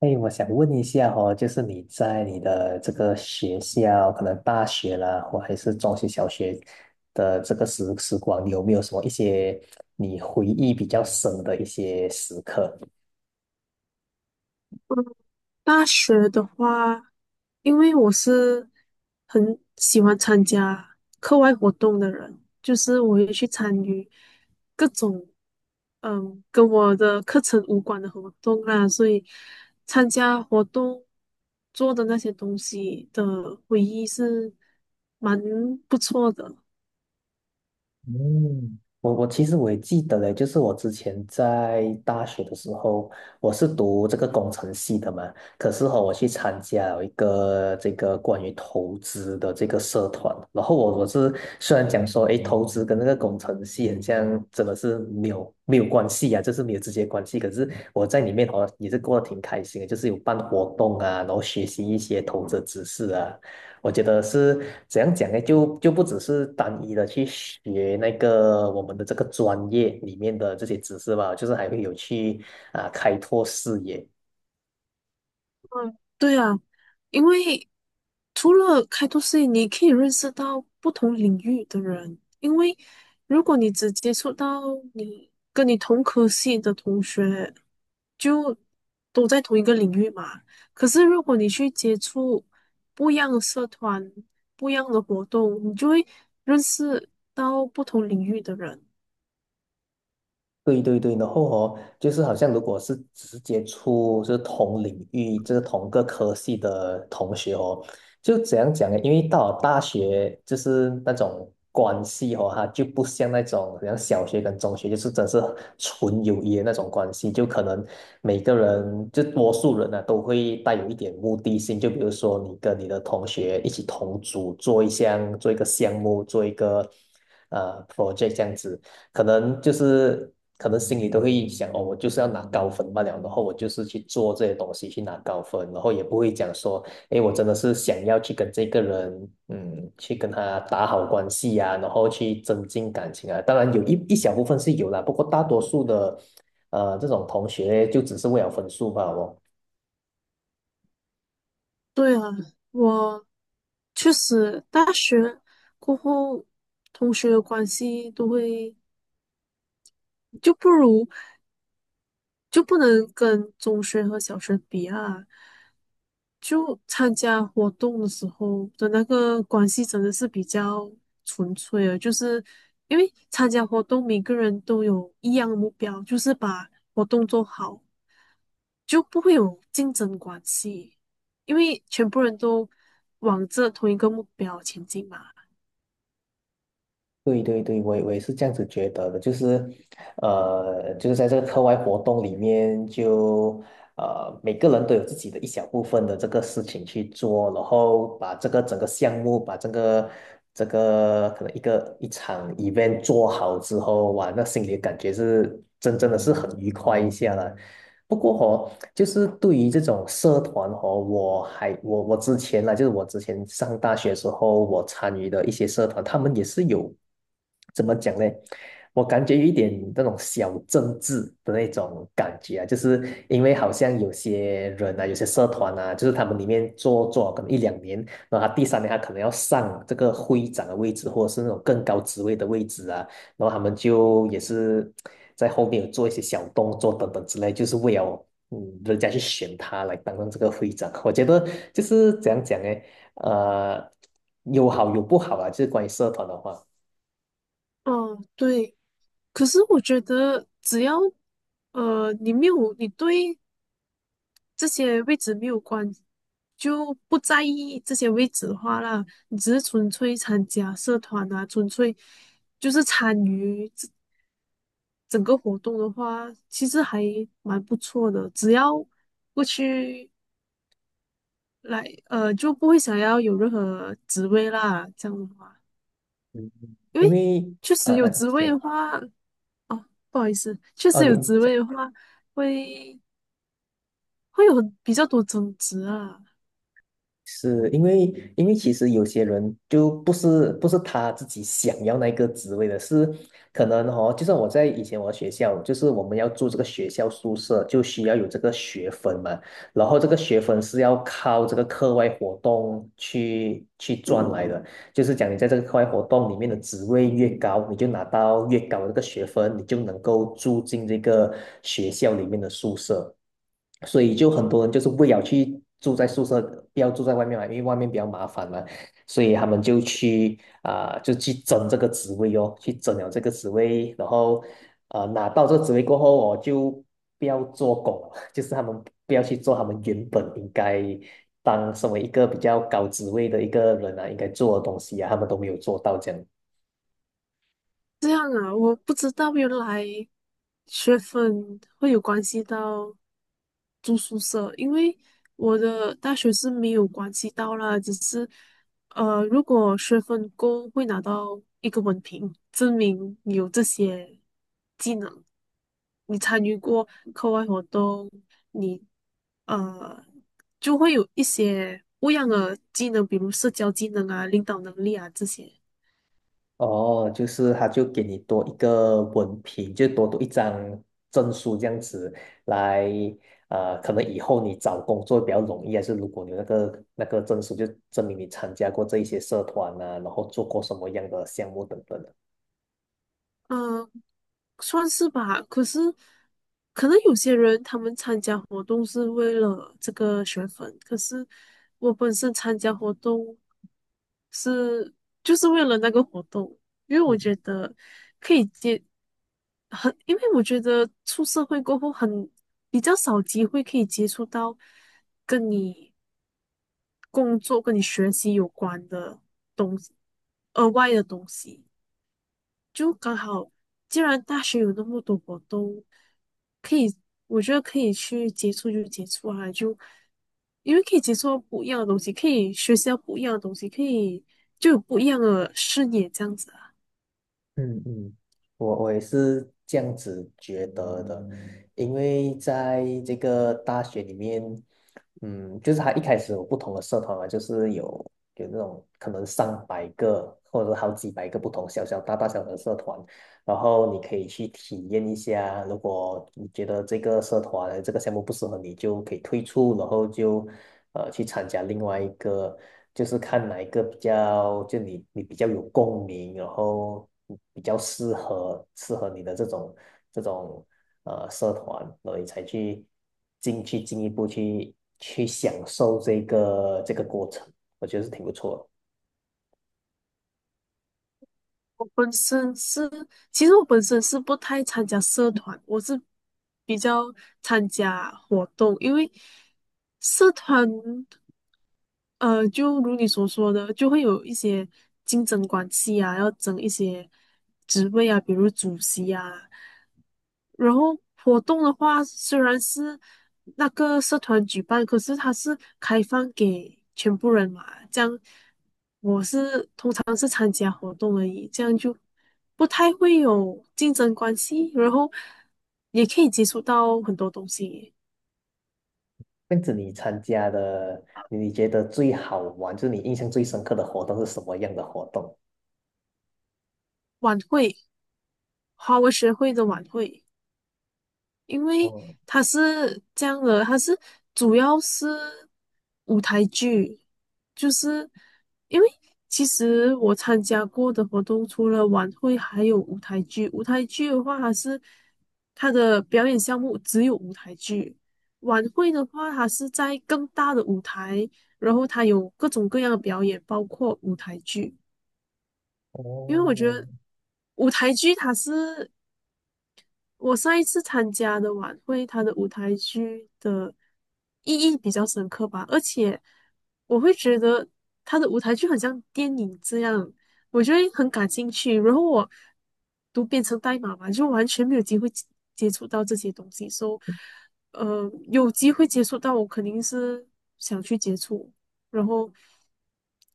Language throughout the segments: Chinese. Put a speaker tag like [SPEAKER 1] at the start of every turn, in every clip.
[SPEAKER 1] 哎，我想问一下哦，就是你在你的这个学校，可能大学啦，或还是中学、小学的这个时光，你有没有什么一些你回忆比较深的一些时刻？
[SPEAKER 2] 嗯，大学的话，因为我是很喜欢参加课外活动的人，就是我会去参与各种跟我的课程无关的活动啦，所以参加活动做的那些东西的回忆是蛮不错的。
[SPEAKER 1] 嗯，我其实我也记得嘞，就是我之前在大学的时候，我是读这个工程系的嘛，可是哈、我去参加了一个这个关于投资的这个社团，然后我是虽然讲说，诶，投资跟那个工程系很像，真的是没有关系啊，就是没有直接关系，可是我在里面好像也是过得挺开心的，就是有办活动啊，然后学习一些投资知识啊，我觉得是怎样讲呢？就不只是单一的去学那个我们的这个专业里面的这些知识吧，就是还会有去啊、开拓视野。
[SPEAKER 2] 嗯，对啊，因为除了开拓视野，你可以认识到不同领域的人。因为如果你只接触到你跟你同科系的同学，就都在同一个领域嘛。可是如果你去接触不一样的社团、不一样的活动，你就会认识到不同领域的人。
[SPEAKER 1] 对对对，然后哦，就是好像如果是直接出就是同领域，就是同个科系的同学哦，就怎样讲呢？因为到了大学，就是那种关系哦，它就不像那种像小学跟中学，就是真是纯友谊的那种关系，就可能每个人就多数人呢、都会带有一点目的性，就比如说你跟你的同学一起同组做一项做一个项目做一个project 这样子。可能就是可能心里都会想哦，我就是要拿高分罢了，然后我就是去做这些东西去拿高分，然后也不会讲说，哎，我真的是想要去跟这个人，去跟他打好关系啊，然后去增进感情啊。当然有一小部分是有啦，不过大多数的这种同学就只是为了分数吧，哦。
[SPEAKER 2] 对啊，我确实大学过后，同学的关系都会就不如就不能跟中学和小学比啊。就参加活动的时候的那个关系真的是比较纯粹的，就是因为参加活动每个人都有一样的目标，就是把活动做好，就不会有竞争关系，因为全部人都往这同一个目标前进嘛。
[SPEAKER 1] 对对对，我也是这样子觉得的，就是在这个课外活动里面就，每个人都有自己的一小部分的这个事情去做，然后把这个整个项目，把这个可能一个一场 event 做好之后，哇，那心里的感觉是真的是很愉快一下了，不过哦，就是对于这种社团哦，我还我我之前啦，就是我之前上大学时候，我参与的一些社团，他们也是有怎么讲呢？我感觉有一点那种小政治的那种感觉啊，就是因为好像有些人啊，有些社团啊，就是他们里面做可能一两年，然后他第三年他可能要上这个会长的位置，或者是那种更高职位的位置啊。然后他们就也是在后面有做一些小动作等等之类，就是为了人家去选他来担任这个会长。我觉得就是怎样讲呢？呃，有好有不好啊，就是关于社团的话，
[SPEAKER 2] 哦，对。可是我觉得，只要你没有你对这些位置没有关，就不在意这些位置的话啦，你只是纯粹参加社团啊，纯粹就是参与这整个活动的话，其实还蛮不错的。只要过去来，就不会想要有任何职位啦，这样的话，
[SPEAKER 1] 嗯
[SPEAKER 2] 因
[SPEAKER 1] 因
[SPEAKER 2] 为
[SPEAKER 1] 为
[SPEAKER 2] 确实有职位
[SPEAKER 1] 行
[SPEAKER 2] 的话，哦，不好意思，确
[SPEAKER 1] 哦，
[SPEAKER 2] 实
[SPEAKER 1] 你
[SPEAKER 2] 有职位的话，会会有很比较多争执啊。
[SPEAKER 1] 是因为，因为其实有些人就不是他自己想要那个职位的，是可能哦，就像我在以前我学校，就是我们要住这个学校宿舍，就需要有这个学分嘛，然后这个学分是要靠这个课外活动去赚来的，就是讲你在这个课外活动里面的职位越高，你就拿到越高的这个学分，你就能够住进这个学校里面的宿舍。所以就很多人就是为了去住在宿舍，不要住在外面嘛，因为外面比较麻烦嘛，所以他们就去啊、就去争这个职位哦，去争了这个职位，然后拿到这个职位过后，我就不要做工了 就是他们不要去做他们原本应该当身为一个比较高职位的一个人啊，应该做的东西啊，他们都没有做到这样。
[SPEAKER 2] 这样啊，我不知道原来学分会有关系到住宿舍，因为我的大学是没有关系到啦，只是如果学分够，会拿到一个文凭，证明你有这些技能，你参与过课外活动，你呃就会有一些不一样的技能，比如社交技能啊、领导能力啊这些。
[SPEAKER 1] 哦，就是他就给你多一个文凭，就多读一张证书这样子来，可能以后你找工作比较容易，还是如果你有那个证书，就证明你参加过这一些社团啊，然后做过什么样的项目等等的。
[SPEAKER 2] 嗯，算是吧。可是，可能有些人他们参加活动是为了这个学分，可是我本身参加活动是就是为了那个活动，因为我觉得可以接很，因为我觉得出社会过后很比较少机会可以接触到跟你工作、跟你学习有关的东西，额外的东西。就刚好，既然大学有那么多活动，可以，我觉得可以去接触就接触啊，就因为可以接触到不一样的东西，可以学习到不一样的东西，可以就有不一样的视野这样子啊。
[SPEAKER 1] 嗯嗯，我也是这样子觉得的，因为在这个大学里面，嗯，就是他一开始有不同的社团啊，就是有那种可能上百个或者好几百个不同小小大大小小的社团，然后你可以去体验一下，如果你觉得这个社团这个项目不适合你，就可以退出，然后就去参加另外一个，就是看哪一个比较就你比较有共鸣，然后比较适合你的这种这种社团，然后你才去进一步去享受这个过程，我觉得是挺不错的。
[SPEAKER 2] 我本身是，其实我本身是不太参加社团，我是比较参加活动，因为社团。就如你所说的，就会有一些竞争关系啊，要争一些职位啊，比如主席啊。然后活动的话，虽然是那个社团举办，可是它是开放给全部人嘛，这样当是参加活动而已，这样就不太会有竞争关系，然后也可以接触到很多东西。
[SPEAKER 1] 跟着你参加的，你觉得最好玩，就是你印象最深刻的活动是什么样的活动？
[SPEAKER 2] 晚会，华文学会的晚会。因为
[SPEAKER 1] 哦
[SPEAKER 2] 它是这样的，它是主要是舞台剧，就是因为其实我参加过的活动，除了晚会，还有舞台剧。舞台剧的话，它是它的表演项目只有舞台剧；晚会的话，它是在更大的舞台，然后它有各种各样的表演，包括舞台剧。因为我觉
[SPEAKER 1] 哦，
[SPEAKER 2] 得舞台剧它是我上一次参加的晚会，它的舞台剧的意义比较深刻吧，而且我会觉得它的舞台剧很像电影这样，我就得很感兴趣。然后我都编成代码嘛，就完全没有机会接触到这些东西，所以有机会接触到，我肯定是想去接触。然后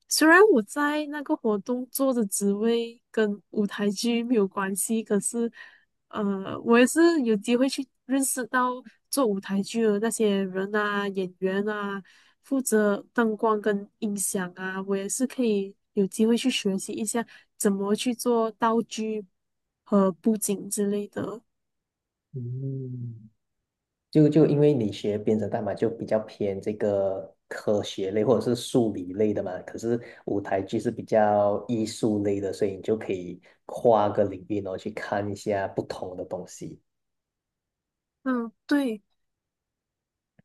[SPEAKER 2] 虽然我在那个活动做的职位跟舞台剧没有关系，可是。呃，我也是有机会去认识到做舞台剧的那些人啊、演员啊，负责灯光跟音响啊，我也是可以有机会去学习一下怎么去做道具和布景之类的。
[SPEAKER 1] 嗯，就因为你学编程代码就比较偏这个科学类或者是数理类的嘛，可是舞台剧是比较艺术类的，所以你就可以跨个领域，然后去看一下不同的东西。
[SPEAKER 2] 嗯，对，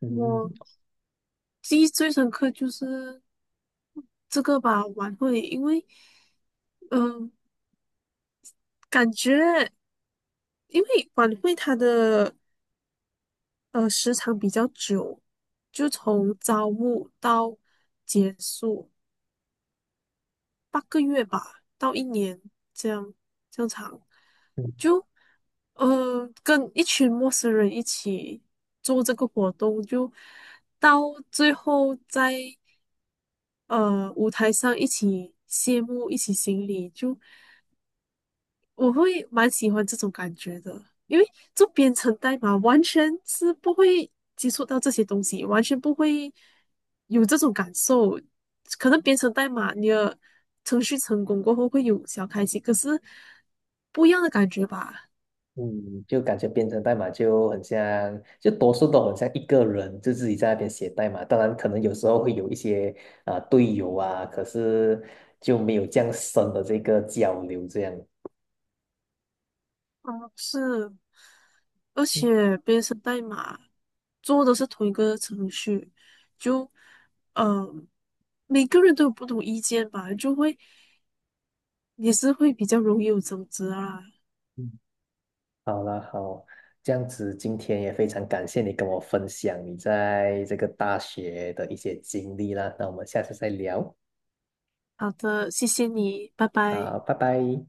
[SPEAKER 1] 嗯，
[SPEAKER 2] 我记忆最深刻就是这个吧，晚会，因为嗯、呃感觉因为晚会它的时长比较久，就从招募到结束8个月吧，到一年这样这样长，就跟一群陌生人一起做这个活动，就到最后在舞台上一起谢幕，一起行礼，就。我会蛮喜欢这种感觉的，因为做编程代码完全是不会接触到这些东西，完全不会有这种感受。可能编程代码你的程序成功过后会有小开心，可是不一样的感觉吧？
[SPEAKER 1] 嗯，就感觉编程代码就很像，就多数都很像一个人，就自己在那边写代码。当然，可能有时候会有一些啊、队友啊，可是就没有这样深的这个交流。这样，
[SPEAKER 2] 嗯是，而
[SPEAKER 1] 嗯
[SPEAKER 2] 且编程代码做的是同一个程序，就呃，每个人都有不同意见吧，就会也是会比较容易有争执啊。
[SPEAKER 1] 嗯，好啦，好，这样子今天也非常感谢你跟我分享你在这个大学的一些经历啦。那我们下次再聊，
[SPEAKER 2] 好的，谢谢你，拜拜。
[SPEAKER 1] 好，拜拜。